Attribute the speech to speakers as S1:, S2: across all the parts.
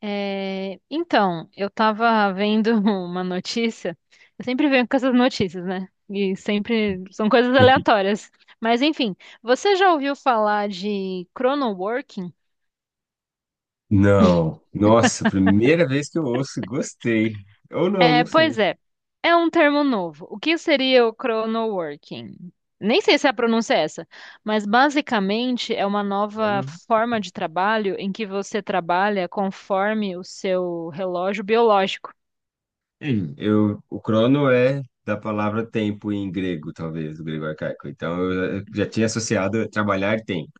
S1: É, então, eu estava vendo uma notícia. Eu sempre venho com essas notícias, né? E sempre são coisas
S2: Enfim.
S1: aleatórias. Mas enfim, você já ouviu falar de chronoworking?
S2: Não. Nossa, primeira vez que eu ouço, gostei. Ou não,
S1: É,
S2: não
S1: pois
S2: sei.
S1: é, é um termo novo. O que seria o chronoworking? Nem sei se a pronúncia é essa, mas basicamente é uma nova
S2: Crono-
S1: forma de trabalho em que você trabalha conforme o seu relógio biológico.
S2: Eu, o crono é da palavra tempo em grego, talvez, o grego arcaico. Então, eu já tinha associado trabalhar tempo.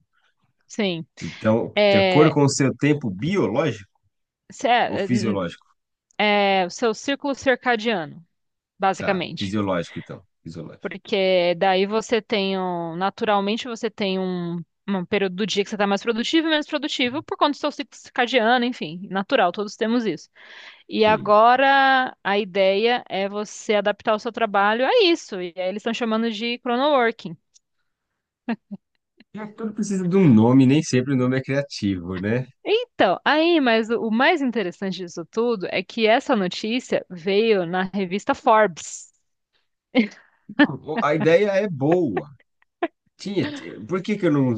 S1: Sim.
S2: Então, de acordo
S1: É,
S2: com o seu tempo biológico ou fisiológico?
S1: o seu círculo circadiano,
S2: Tá,
S1: basicamente.
S2: fisiológico, então. Fisiológico.
S1: Porque daí você tem, naturalmente, você tem um período do dia que você está mais produtivo e menos produtivo por conta do seu ciclo circadiano, enfim, natural, todos temos isso. E
S2: Sim.
S1: agora a ideia é você adaptar o seu trabalho a isso, e aí eles estão chamando de chronoworking.
S2: É, tudo precisa de um nome, nem sempre o nome é criativo, né?
S1: Então, aí, mas o mais interessante disso tudo é que essa notícia veio na revista Forbes.
S2: A ideia é boa. Por que que eu não.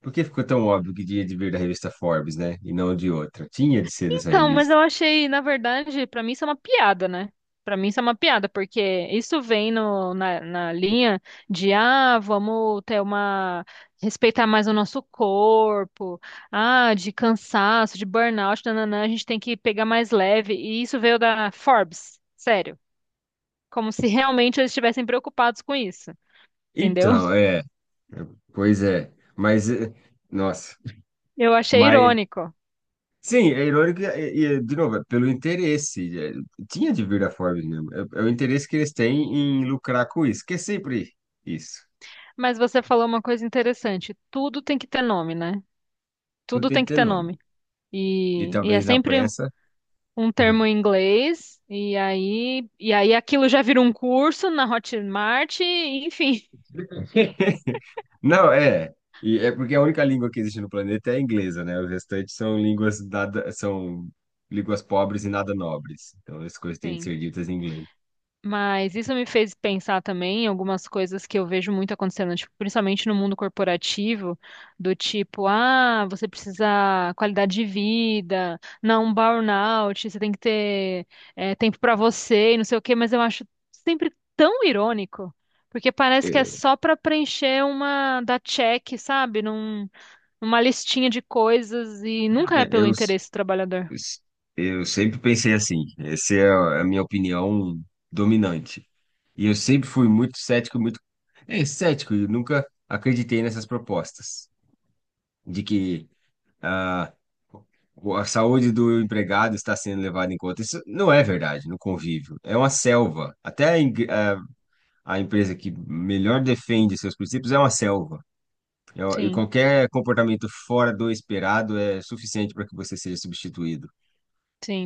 S2: Por que ficou tão óbvio que tinha de vir da revista Forbes, né? E não de outra? Tinha de ser dessa
S1: Então, mas
S2: revista.
S1: eu achei, na verdade, pra mim isso é uma piada, né? Pra mim isso é uma piada, porque isso vem no, na, na linha de, ah, vamos ter uma, respeitar mais o nosso corpo, ah, de cansaço, de burnout, nananã, a gente tem que pegar mais leve, e isso veio da Forbes, sério, como se realmente eles estivessem preocupados com isso, entendeu?
S2: Então, é. Pois é. Nossa.
S1: Eu achei
S2: Mas.
S1: irônico,
S2: Sim, é irônico, e, de novo, é pelo interesse. É, tinha de vir da Forbes mesmo. É, é o interesse que eles têm em lucrar com isso, que é sempre isso.
S1: mas você falou uma coisa interessante, tudo tem que ter nome, né?
S2: Tudo
S1: Tudo
S2: tem
S1: tem
S2: que
S1: que
S2: ter
S1: ter
S2: nome.
S1: nome.
S2: E
S1: E é
S2: talvez na
S1: sempre
S2: pressa.
S1: um termo em inglês, e aí aquilo já virou um curso na Hotmart, e enfim,
S2: Não, é. E é porque a única língua que existe no planeta é a inglesa, né? Os restantes são línguas nada, são línguas pobres e nada nobres. Então as coisas têm de
S1: sim.
S2: ser ditas em inglês.
S1: Mas isso me fez pensar também em algumas coisas que eu vejo muito acontecendo, tipo, principalmente no mundo corporativo, do tipo, ah, você precisa qualidade de vida, não um burnout, você tem que ter tempo para você, e não sei o quê, mas eu acho sempre tão irônico, porque parece que é
S2: É,
S1: só para preencher uma da check, sabe? Não uma listinha de coisas e nunca é
S2: é,
S1: pelo
S2: eu, s-
S1: interesse do trabalhador.
S2: s- eu sempre pensei assim, essa é a minha opinião dominante. E eu sempre fui muito cético, muito cético, e nunca acreditei nessas propostas de que ah, a saúde do empregado está sendo levada em conta. Isso não é verdade no convívio. É uma selva. Até a empresa que melhor defende seus princípios é uma selva. E
S1: Sim,
S2: qualquer comportamento fora do esperado é suficiente para que você seja substituído.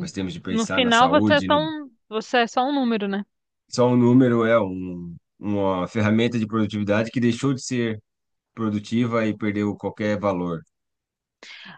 S2: Nós temos de
S1: No
S2: pensar na
S1: final você é
S2: saúde.
S1: só
S2: No-
S1: um, você é só um número, né?
S2: Só um número é uma ferramenta de produtividade que deixou de ser produtiva e perdeu qualquer valor.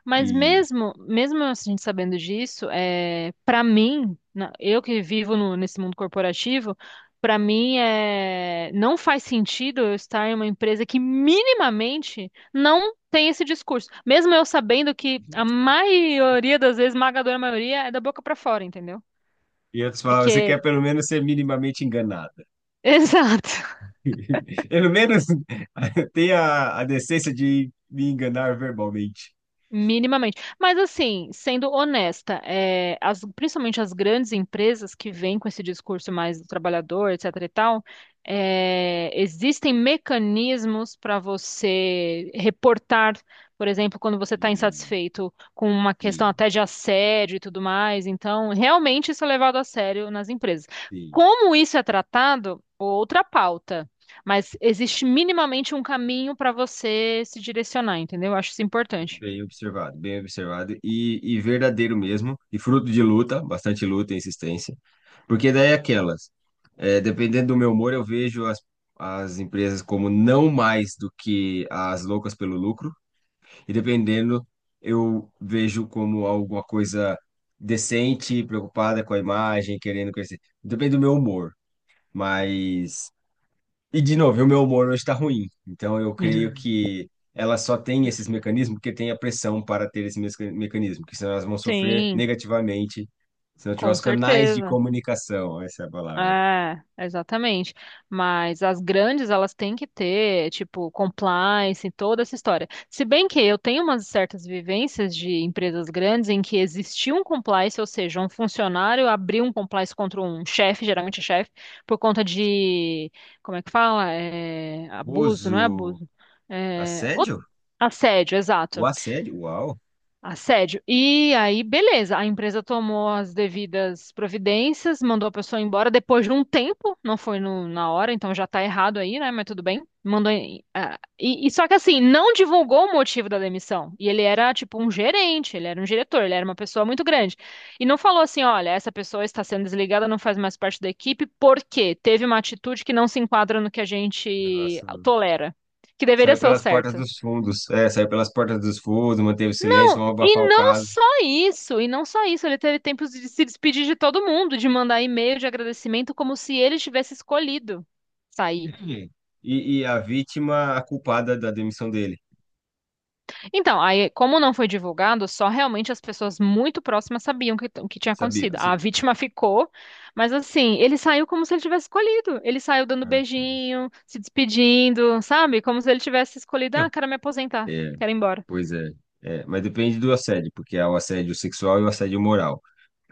S1: Mas
S2: E,
S1: mesmo, mesmo a gente sabendo disso, é, para mim, eu que vivo nesse mundo corporativo, para mim é, não faz sentido eu estar em uma empresa que minimamente não tem esse discurso. Mesmo eu sabendo que a maioria das vezes, esmagadora maioria, é da boca para fora, entendeu?
S2: em outras palavras, você
S1: Porque,
S2: quer pelo menos ser minimamente enganado.
S1: exato.
S2: Pelo menos tem a decência de me enganar verbalmente.
S1: Minimamente. Mas assim, sendo honesta, é, principalmente as grandes empresas que vêm com esse discurso mais do trabalhador, etc e tal, é, existem mecanismos para você reportar, por exemplo, quando você está
S2: Sim,
S1: insatisfeito com uma questão
S2: sim,
S1: até de assédio e tudo mais. Então, realmente isso é levado a sério nas empresas.
S2: sim.
S1: Como isso é tratado, outra pauta. Mas existe minimamente um caminho para você se direcionar, entendeu? Eu acho isso importante.
S2: Bem observado e verdadeiro mesmo, e fruto de luta, bastante luta e insistência. Porque daí é aquelas, é, Dependendo do meu humor, eu vejo as empresas como não mais do que as loucas pelo lucro, e dependendo, eu vejo como alguma coisa decente, preocupada com a imagem, querendo crescer. Depende do meu humor. Mas. E de novo, o meu humor hoje está ruim. Então eu creio que ela só tem esses mecanismos porque tem a pressão para ter esse mecanismo, que senão elas vão sofrer
S1: Sim,
S2: negativamente se não tiver
S1: com
S2: os canais de
S1: certeza.
S2: comunicação, essa é a palavra.
S1: É, exatamente. Mas as grandes, elas têm que ter, tipo, compliance e toda essa história. Se bem que eu tenho umas certas vivências de empresas grandes em que existia um compliance, ou seja, um funcionário abriu um compliance contra um chefe, geralmente é chefe, por conta de, como é que fala? É, abuso, não é
S2: Uso.
S1: abuso? É,
S2: Assédio?
S1: assédio,
S2: O
S1: exato.
S2: assédio? Uau!
S1: Assédio. E aí, beleza, a empresa tomou as devidas providências, mandou a pessoa embora depois de um tempo, não foi na hora, então já tá errado aí, né? Mas tudo bem. Mandou. Ah, e só que assim, não divulgou o motivo da demissão. E ele era tipo um gerente, ele era um diretor, ele era uma pessoa muito grande. E não falou assim: olha, essa pessoa está sendo desligada, não faz mais parte da equipe, porque teve uma atitude que não se enquadra no que a gente
S2: Nossa.
S1: tolera, que deveria
S2: Saiu
S1: ser o
S2: pelas portas
S1: certo.
S2: dos fundos. É, saiu pelas portas dos fundos, manteve o silêncio, vão abafar
S1: E
S2: o
S1: não
S2: caso.
S1: só isso, e não só isso, ele teve tempo de se despedir de todo mundo, de mandar e-mail de agradecimento como se ele tivesse escolhido sair.
S2: Hum. E a vítima, a culpada da demissão dele.
S1: Então, aí, como não foi divulgado, só realmente as pessoas muito próximas sabiam o que tinha acontecido.
S2: Sabia?
S1: A
S2: Sim.
S1: vítima ficou, mas assim, ele saiu como se ele tivesse escolhido. Ele saiu dando
S2: É.
S1: beijinho, se despedindo, sabe? Como se ele tivesse escolhido, ah,
S2: Não.
S1: quero me aposentar, quero ir embora.
S2: Pois é. É, mas depende do assédio, porque há o assédio sexual e o assédio moral.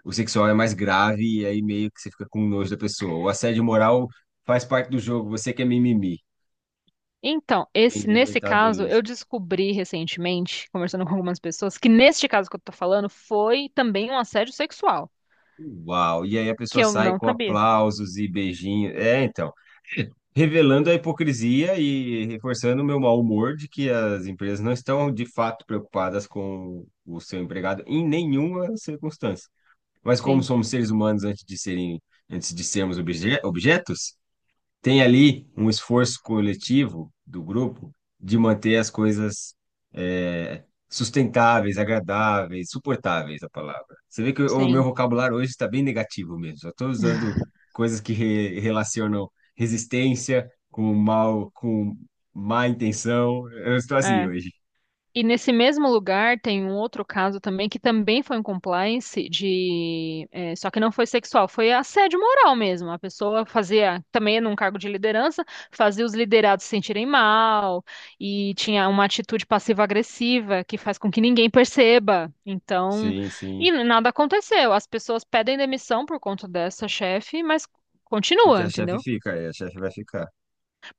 S2: O sexual é mais grave e aí meio que você fica com nojo da pessoa. O assédio moral faz parte do jogo, você que é mimimi,
S1: Então,
S2: tem
S1: esse,
S2: de
S1: nesse
S2: aguentar a
S1: caso, eu
S2: dureza.
S1: descobri recentemente, conversando com algumas pessoas, que neste caso que eu tô falando foi também um assédio sexual,
S2: Uau! E aí a
S1: que
S2: pessoa
S1: eu
S2: sai
S1: não
S2: com
S1: sabia.
S2: aplausos e beijinhos. É, então, revelando a hipocrisia e reforçando o meu mau humor de que as empresas não estão de fato preocupadas com o seu empregado em nenhuma circunstância. Mas como
S1: Sim,
S2: somos seres humanos antes de serem, antes de sermos objetos, tem ali um esforço coletivo do grupo de manter as coisas sustentáveis, agradáveis, suportáveis, a palavra. Você vê que o meu
S1: sim.
S2: vocabulário hoje está bem negativo mesmo. Só estou usando coisas que relacionam resistência com mal, com má intenção. Eu estou assim hoje.
S1: E nesse mesmo lugar tem um outro caso também que também foi um compliance de, eh, só que não foi sexual, foi assédio moral mesmo. A pessoa fazia também num cargo de liderança, fazia os liderados se sentirem mal e tinha uma atitude passiva-agressiva que faz com que ninguém perceba. Então,
S2: Sim, sim.
S1: e nada aconteceu. As pessoas pedem demissão por conta dessa chefe, mas continua,
S2: Porque a chefe
S1: entendeu?
S2: fica, é, a chefe vai ficar.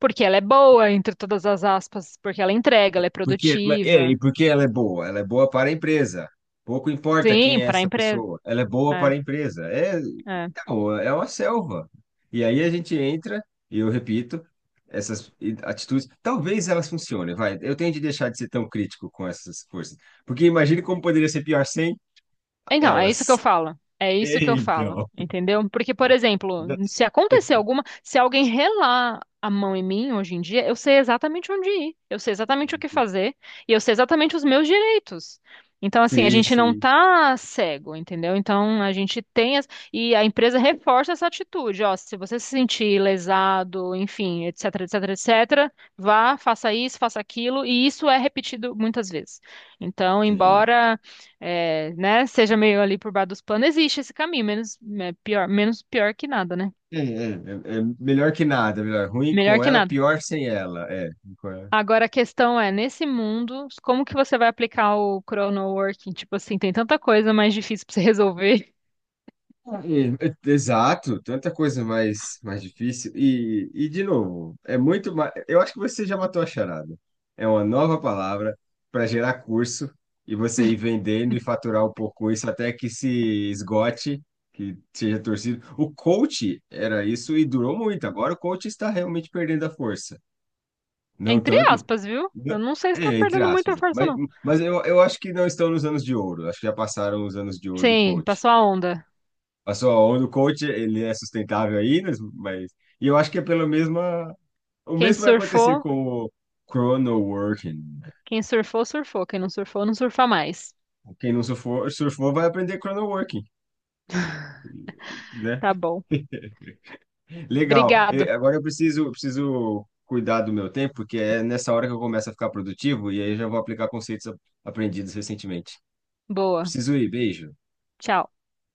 S1: Porque ela é boa, entre todas as aspas, porque ela entrega, ela é produtiva.
S2: E porque ela é boa? Ela é boa para a empresa. Pouco importa
S1: Sim,
S2: quem é
S1: para a
S2: essa
S1: empresa.
S2: pessoa, ela é boa
S1: É,
S2: para a empresa. É,
S1: é.
S2: então, é uma selva. E aí a gente entra, e eu repito, essas atitudes, talvez elas funcionem, vai. Eu tenho de deixar de ser tão crítico com essas forças. Porque imagine como poderia ser pior sem
S1: Então, é isso que eu
S2: elas.
S1: falo. É isso que eu falo,
S2: Então.
S1: entendeu? Porque, por exemplo, se acontecer alguma, se alguém relar a mão em mim hoje em dia, eu sei exatamente onde ir, eu sei exatamente o que fazer e eu sei exatamente os meus direitos. Então, assim, a
S2: Sim,
S1: gente não
S2: sim,
S1: tá cego, entendeu? Então, a gente tem as... e a empresa reforça essa atitude, ó, se você se sentir lesado, enfim, etc, etc, etc, vá, faça isso, faça aquilo, e isso é repetido muitas vezes. Então,
S2: sim.
S1: embora é, né, seja meio ali por baixo dos panos, existe esse caminho, menos é, pior, menos pior que nada, né?
S2: É, melhor que nada, melhor. Ruim
S1: Melhor
S2: com
S1: que
S2: ela,
S1: nada.
S2: pior sem ela.
S1: Agora a questão é, nesse mundo, como que você vai aplicar o chrono working? Tipo assim, tem tanta coisa mais difícil pra você resolver.
S2: Exato, tanta coisa mais, mais difícil. E de novo, é muito mais. Eu acho que você já matou a charada. É uma nova palavra para gerar curso e você ir vendendo e faturar um pouco isso até que se esgote, que seja torcido. O coach era isso e durou muito. Agora o coach está realmente perdendo a força. Não
S1: Entre
S2: tanto.
S1: aspas, viu?
S2: não-
S1: Eu não sei se tá
S2: É, entre
S1: perdendo
S2: aspas.
S1: muita força,
S2: Mas,
S1: não.
S2: eu acho que não estão nos anos de ouro. Acho que já passaram os anos de ouro do
S1: Sim,
S2: coach.
S1: passou a onda.
S2: A sua onda, o coach, ele é sustentável aí, né? Mas e eu acho que é pelo mesma o
S1: Quem
S2: mesmo vai acontecer
S1: surfou,
S2: com o chrono working.
S1: quem surfou, surfou. Quem não surfou, não surfa mais.
S2: Quem não surfou, surfou vai aprender chrono working, né?
S1: Tá bom.
S2: Legal. E
S1: Obrigado.
S2: agora eu preciso, preciso cuidar do meu tempo, porque é nessa hora que eu começo a ficar produtivo e aí eu já vou aplicar conceitos aprendidos recentemente.
S1: Boa.
S2: Preciso ir, beijo.
S1: Tchau.